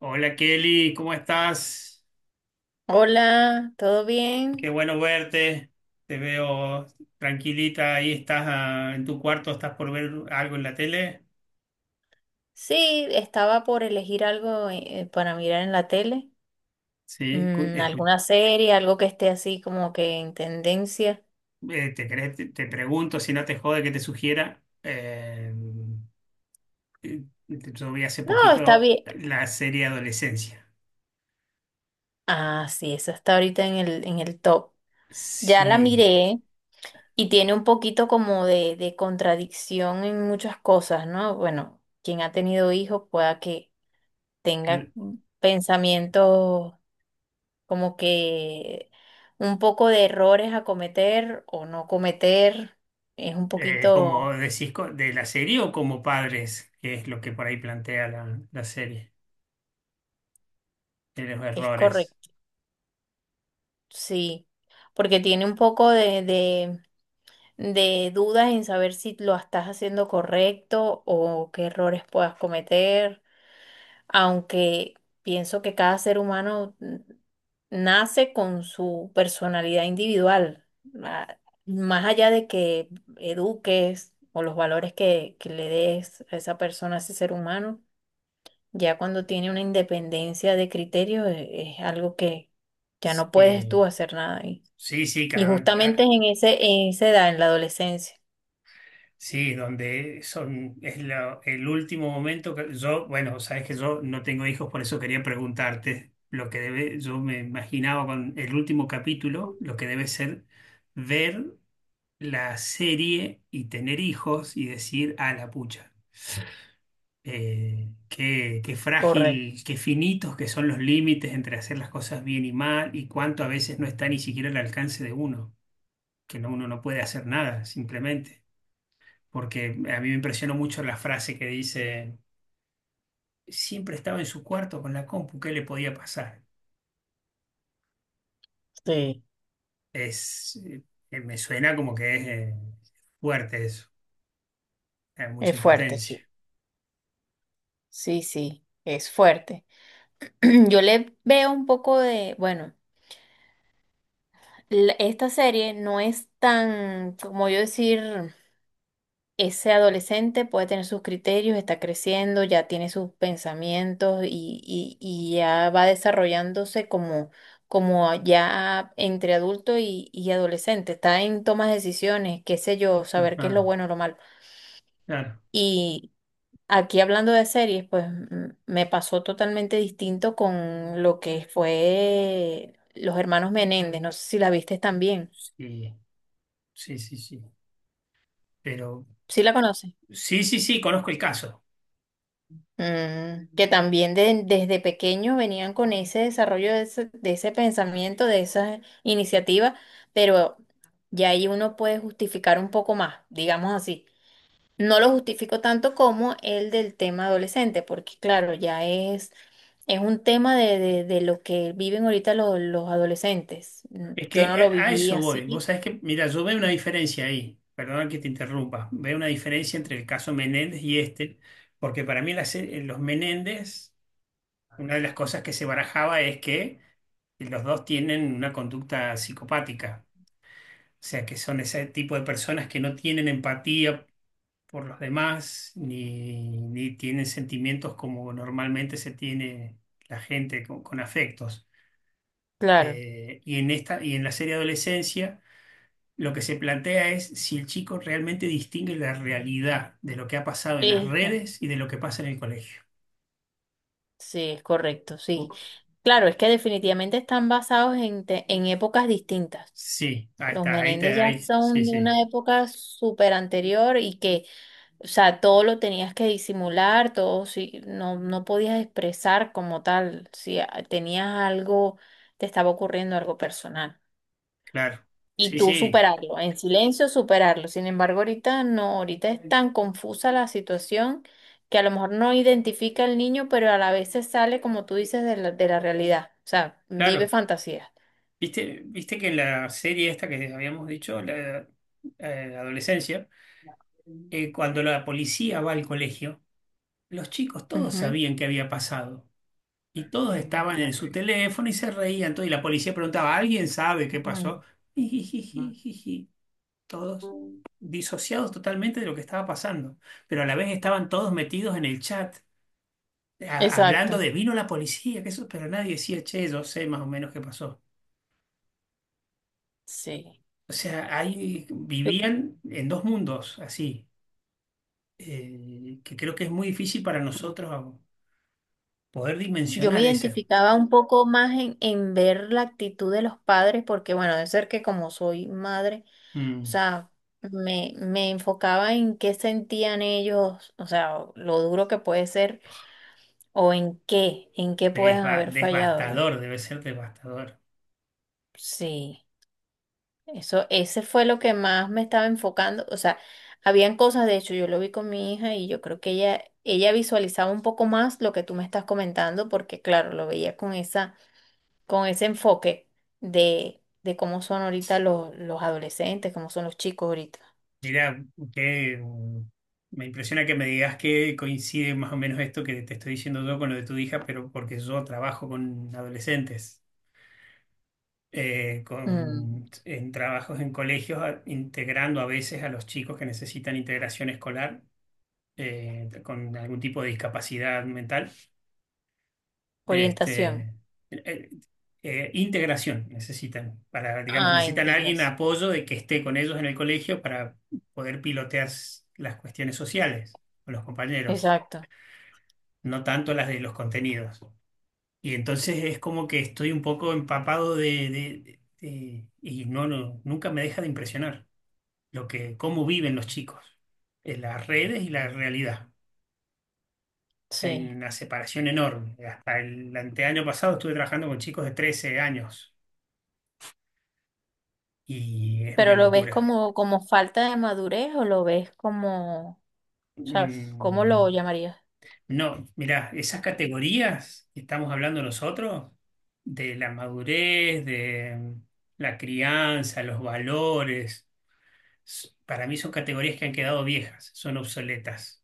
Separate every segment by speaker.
Speaker 1: Hola Kelly, ¿cómo estás?
Speaker 2: Hola, ¿todo
Speaker 1: Qué
Speaker 2: bien?
Speaker 1: bueno verte. Te veo tranquilita, ahí estás en tu cuarto, estás por ver algo en la tele.
Speaker 2: Sí, estaba por elegir algo para mirar en la tele.
Speaker 1: Sí, cu- escu-
Speaker 2: Alguna serie, algo que esté así como que en tendencia.
Speaker 1: Te pregunto si no te jode que te sugiera. Eh, yo vi hace
Speaker 2: No, está
Speaker 1: poquito
Speaker 2: bien.
Speaker 1: la serie Adolescencia.
Speaker 2: Ah, sí, eso está ahorita en el top. Ya la
Speaker 1: Sí,
Speaker 2: miré y tiene un poquito como de contradicción en muchas cosas, ¿no? Bueno, quien ha tenido hijos pueda que tenga
Speaker 1: cl-
Speaker 2: pensamientos como que un poco de errores a cometer o no cometer, es un
Speaker 1: ¿Como
Speaker 2: poquito,
Speaker 1: decís de la serie o como padres? Que es lo que por ahí plantea la, la serie, de los
Speaker 2: es
Speaker 1: errores.
Speaker 2: correcto, sí, porque tiene un poco de dudas en saber si lo estás haciendo correcto o qué errores puedas cometer. Aunque pienso que cada ser humano nace con su personalidad individual. ma- Más allá de que eduques o los valores que le des a esa persona, a ese ser humano, ya cuando tiene una independencia de criterio es algo que ya no puedes
Speaker 1: Sí.
Speaker 2: tú hacer nada ahí.
Speaker 1: Sí, sí,
Speaker 2: Y
Speaker 1: ca-
Speaker 2: justamente es
Speaker 1: ah,
Speaker 2: en en esa edad, en la adolescencia.
Speaker 1: sí, donde son, es el último momento que yo, bueno, sabes que yo no tengo hijos, por eso quería preguntarte lo que debe, yo me imaginaba con el último capítulo, lo que debe ser ver la serie y tener hijos y decir, a la pucha, qué, qué
Speaker 2: Correcto,
Speaker 1: frágil, qué finitos que son los límites entre hacer las cosas bien y mal, y cuánto a veces no está ni siquiera al alcance de uno, que no, uno no puede hacer nada, simplemente. Porque a mí me impresionó mucho la frase que dice, siempre estaba en su cuarto con la compu, ¿qué le podía pasar?
Speaker 2: sí.
Speaker 1: Es, eh, Me suena como que es fuerte eso, hay mucha
Speaker 2: Es fuerte,
Speaker 1: impotencia.
Speaker 2: sí. Sí, sí, es fuerte. Yo le veo un poco de, bueno, esta serie no es tan, como yo decir, ese adolescente puede tener sus criterios, está creciendo, ya tiene sus pensamientos y ya va desarrollándose como, como ya entre adulto y adolescente, está en tomas de decisiones, qué sé yo, saber qué es lo
Speaker 1: Ajá,
Speaker 2: bueno o lo malo.
Speaker 1: claro,
Speaker 2: Aquí hablando de series, pues me pasó totalmente distinto con lo que fue Los Hermanos Menéndez. No sé si la viste también.
Speaker 1: sí, sí, sí, sí. Pero
Speaker 2: ¿Sí la conoces?
Speaker 1: sí, sí, sí, conozco el caso.
Speaker 2: Mm, que también desde pequeños venían con ese desarrollo de ese pensamiento, de esa iniciativa, pero ya ahí uno puede justificar un poco más, digamos así. No lo justifico tanto como el del tema adolescente, porque claro, ya es. Es un tema de, de lo que viven ahorita los adolescentes. Mm,
Speaker 1: Es
Speaker 2: yo no
Speaker 1: que
Speaker 2: lo
Speaker 1: a
Speaker 2: viví
Speaker 1: eso voy. Vos
Speaker 2: así.
Speaker 1: sabés que, mira, yo veo una diferencia ahí, perdón que te interrumpa, veo una diferencia entre el caso Menéndez y este, porque para mí los Menéndez, una de las cosas que se barajaba es que los dos tienen una conducta psicopática, o sea, que son ese tipo de personas que no tienen empatía por los demás, ni, ni tienen sentimientos como normalmente se tiene la gente con afectos.
Speaker 2: Claro.
Speaker 1: Y en esta, y en la serie Adolescencia, lo que se plantea es si el chico realmente distingue la realidad de lo que ha pasado en las
Speaker 2: Exacto.
Speaker 1: redes y de lo que pasa en el colegio.
Speaker 2: Sí, es correcto, sí.
Speaker 1: Pu-
Speaker 2: Claro, es que definitivamente están basados en, en épocas distintas.
Speaker 1: Sí, ahí
Speaker 2: Los
Speaker 1: está, ahí te,
Speaker 2: Menéndez ya
Speaker 1: ahí, sí,
Speaker 2: son de
Speaker 1: sí.
Speaker 2: una época súper anterior y que, o sea, todo lo tenías que disimular, todo, sí, no, no podías expresar como tal, si tenías algo, te estaba ocurriendo algo personal.
Speaker 1: Claro,
Speaker 2: Y
Speaker 1: sí,
Speaker 2: tú
Speaker 1: sí,
Speaker 2: superarlo, en silencio superarlo. Sin embargo, ahorita no, ahorita es tan confusa la situación que a lo mejor no identifica al niño, pero a la vez se sale, como tú dices, de de la realidad. O sea, vive
Speaker 1: claro.
Speaker 2: fantasías.
Speaker 1: Viste, viste que en la serie esta que habíamos dicho, la adolescencia, cuando la policía va al colegio, los chicos todos
Speaker 2: Ujú.
Speaker 1: sabían qué había pasado y todos estaban en su teléfono y se reían. Todo, y la policía preguntaba, ¿alguien sabe qué pasó? Jijijijiji, todos disociados totalmente de lo que estaba pasando, pero a la vez estaban todos metidos en el chat, hablando
Speaker 2: Exacto.
Speaker 1: de vino la policía, que eso, pero nadie decía, che, yo sé más o menos qué pasó.
Speaker 2: Sí.
Speaker 1: O sea, ahí
Speaker 2: Yo,
Speaker 1: vivían en dos mundos así, que creo que es muy difícil para nosotros poder
Speaker 2: yo me
Speaker 1: dimensionar eso.
Speaker 2: identificaba un poco más en ver la actitud de los padres, porque bueno, de ser que como soy madre, o
Speaker 1: Mm,
Speaker 2: sea, me enfocaba en qué sentían ellos, o sea, lo duro que puede ser. ¿O en qué? ¿En qué pueden haber fallado?
Speaker 1: devastador, debe ser devastador.
Speaker 2: Sí, eso, ese fue lo que más me estaba enfocando. O sea, habían cosas, de hecho, yo lo vi con mi hija y yo creo que ella visualizaba un poco más lo que tú me estás comentando, porque claro, lo veía con esa, con ese enfoque de cómo son ahorita los adolescentes, cómo son los chicos ahorita.
Speaker 1: Mira, que me impresiona que me digas que coincide más o menos esto que te estoy diciendo yo con lo de tu hija, pero porque yo trabajo con adolescentes,
Speaker 2: Mm,
Speaker 1: con, en trabajos en colegios, integrando a veces a los chicos que necesitan integración escolar, con algún tipo de discapacidad mental,
Speaker 2: orientación.
Speaker 1: este, eh, integración necesitan, para, digamos,
Speaker 2: Ah,
Speaker 1: necesitan a alguien
Speaker 2: integración.
Speaker 1: apoyo de que esté con ellos en el colegio para poder pilotear las cuestiones sociales con los compañeros,
Speaker 2: Exacto.
Speaker 1: no tanto las de los contenidos. Y entonces es como que estoy un poco empapado de, y no, no, nunca me deja de impresionar lo que, cómo viven los chicos, en las redes y la realidad. Hay
Speaker 2: Sí.
Speaker 1: una separación enorme. Hasta el anteaño pasado estuve trabajando con chicos de 13 años y es una
Speaker 2: Pero lo ves
Speaker 1: locura.
Speaker 2: como, como falta de madurez o lo ves como, o sea, ¿cómo lo
Speaker 1: Mm,
Speaker 2: llamarías?
Speaker 1: no, mirá, esas categorías que estamos hablando nosotros, de la madurez, de la crianza, los valores, para mí son categorías que han quedado viejas, son obsoletas.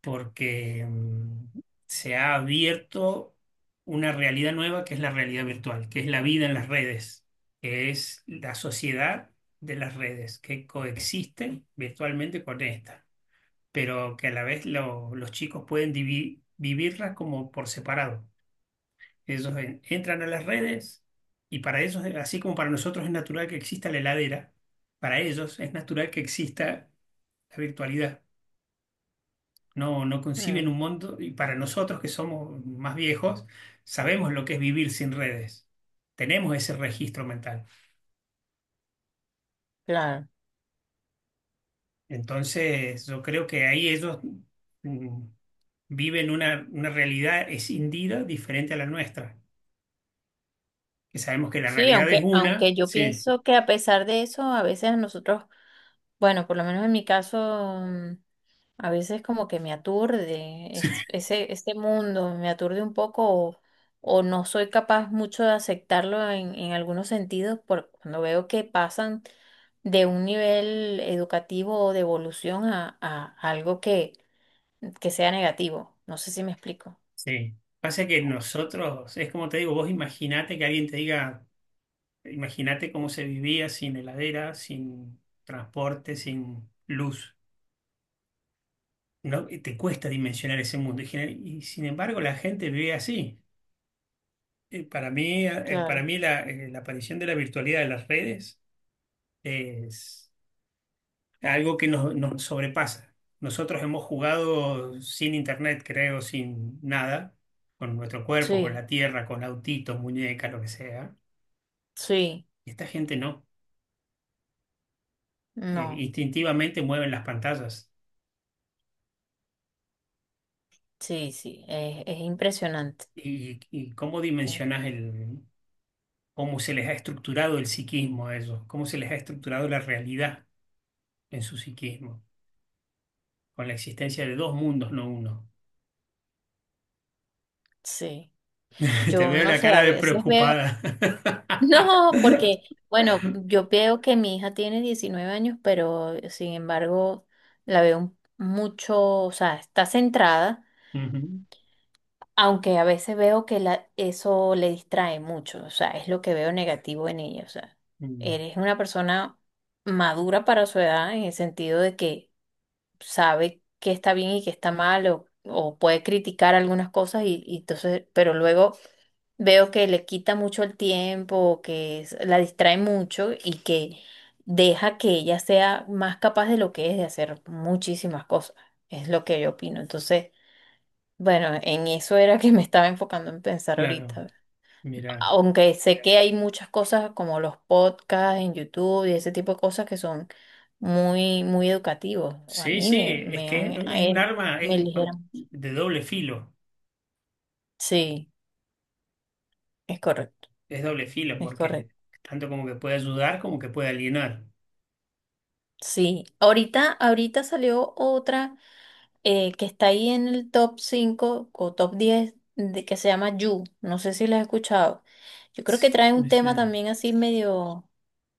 Speaker 1: Porque se ha abierto una realidad nueva que es la realidad virtual, que es la vida en las redes, que es la sociedad de las redes, que coexisten virtualmente con esta, pero que a la vez los chicos pueden vivirla como por separado. Ellos entran a las redes y para ellos, así como para nosotros es natural que exista la heladera, para ellos es natural que exista la virtualidad, no, no conciben
Speaker 2: Mm,
Speaker 1: un mundo, y para nosotros que somos más viejos, sabemos lo que es vivir sin redes, tenemos ese registro mental.
Speaker 2: claro.
Speaker 1: Entonces, yo creo que ahí ellos mm, viven una realidad escindida diferente a la nuestra, que sabemos que la
Speaker 2: Sí,
Speaker 1: realidad es
Speaker 2: aunque,
Speaker 1: una,
Speaker 2: aunque yo
Speaker 1: sí,
Speaker 2: pienso que a pesar de eso, a veces nosotros, bueno, por lo menos en mi caso, a veces como que me aturde ese, ese mundo, me aturde un poco o no soy capaz mucho de aceptarlo en algunos sentidos por cuando veo que pasan de un nivel educativo o de evolución a algo que sea negativo. No sé si me explico.
Speaker 1: sí. Pasa que nosotros, es como te digo, vos imaginate que alguien te diga, imagínate cómo se vivía sin heladera, sin transporte, sin luz. No, y te cuesta dimensionar ese mundo. Y, y sin embargo, la gente vive así. Para mí, ah, Para
Speaker 2: Claro.
Speaker 1: mí la, la aparición de la virtualidad de las redes es algo que nos, nos sobrepasa. Nosotros hemos jugado sin internet, creo, sin nada, con nuestro cuerpo, con
Speaker 2: Sí,
Speaker 1: la tierra, con autitos, muñecas, lo que sea.
Speaker 2: sí,
Speaker 1: Y esta gente no.
Speaker 2: no.
Speaker 1: Instintivamente mueven las pantallas.
Speaker 2: Sí, sí, es impresionante.
Speaker 1: Y cómo
Speaker 2: eh,
Speaker 1: dimensionas el, cómo se les ha estructurado el psiquismo a ellos? ¿Cómo se les ha estructurado la realidad en su psiquismo, con la existencia de dos mundos, no uno?
Speaker 2: Sí.
Speaker 1: Te
Speaker 2: Yo
Speaker 1: veo
Speaker 2: no
Speaker 1: la
Speaker 2: sé,
Speaker 1: cara
Speaker 2: a
Speaker 1: de
Speaker 2: veces veo,
Speaker 1: preocupada.
Speaker 2: no, porque, bueno, yo veo que mi hija tiene 19 años, pero sin embargo la veo mucho, o sea, está centrada,
Speaker 1: Ujú,
Speaker 2: aunque a veces veo que la, eso le distrae mucho, o sea, es lo que veo negativo en ella, o sea,
Speaker 1: mm,
Speaker 2: eres una persona madura para su edad en el sentido de que sabe qué está bien y qué está mal o puede criticar algunas cosas y entonces, pero luego veo que le quita mucho el tiempo, o que la distrae mucho y que deja que ella sea más capaz de lo que es de hacer muchísimas cosas. Es lo que yo opino. Entonces, bueno, en eso era que me estaba enfocando en pensar
Speaker 1: claro,
Speaker 2: ahorita.
Speaker 1: mira.
Speaker 2: Aunque sé que hay muchas cosas como los podcasts en YouTube y ese tipo de cosas que son muy, muy educativos. A
Speaker 1: Sí,
Speaker 2: mí
Speaker 1: sí, es
Speaker 2: me
Speaker 1: que
Speaker 2: han, a
Speaker 1: es un
Speaker 2: él
Speaker 1: arma
Speaker 2: me
Speaker 1: es
Speaker 2: eligieron.
Speaker 1: de doble filo,
Speaker 2: Sí, es correcto,
Speaker 1: es doble filo
Speaker 2: es
Speaker 1: porque
Speaker 2: correcto.
Speaker 1: tanto como que puede ayudar como que puede alienar.
Speaker 2: Sí, ahorita, ahorita salió otra que está ahí en el top 5 o top 10 de, que se llama You. No sé si la has escuchado. Yo creo
Speaker 1: Sí,
Speaker 2: que trae un
Speaker 1: me
Speaker 2: tema
Speaker 1: suena.
Speaker 2: también así medio,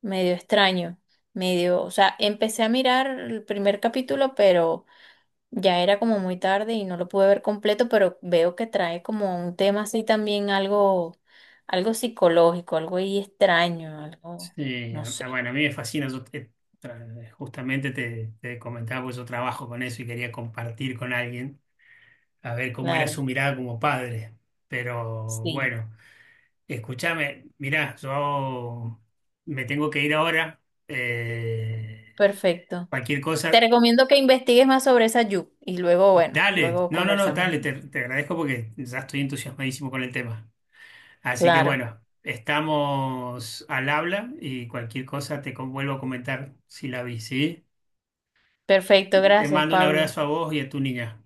Speaker 2: medio extraño, medio, o sea, empecé a mirar el primer capítulo, pero ya era como muy tarde y no lo pude ver completo, pero veo que trae como un tema así también algo, algo psicológico, algo ahí extraño, algo,
Speaker 1: Sí,
Speaker 2: no sé,
Speaker 1: bueno, a mí me fascina, yo justamente te, te comentaba, pues yo trabajo con eso y quería compartir con alguien a ver cómo era
Speaker 2: claro,
Speaker 1: su mirada como padre. Pero
Speaker 2: sí,
Speaker 1: bueno, escúchame, mirá, yo me tengo que ir ahora. eh,
Speaker 2: perfecto.
Speaker 1: Cualquier
Speaker 2: Te
Speaker 1: cosa,
Speaker 2: recomiendo que investigues más sobre esa Yu y luego, bueno,
Speaker 1: dale.
Speaker 2: luego
Speaker 1: No, no, no,
Speaker 2: conversamos.
Speaker 1: dale, te agradezco porque ya estoy entusiasmadísimo con el tema. Así que
Speaker 2: Claro,
Speaker 1: bueno, estamos al habla y cualquier cosa te vuelvo a comentar si la vi, ¿sí?
Speaker 2: perfecto,
Speaker 1: Te
Speaker 2: gracias,
Speaker 1: mando un
Speaker 2: Pablo.
Speaker 1: abrazo a vos y a tu niña.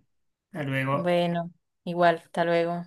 Speaker 1: Hasta luego.
Speaker 2: Bueno, igual, hasta luego.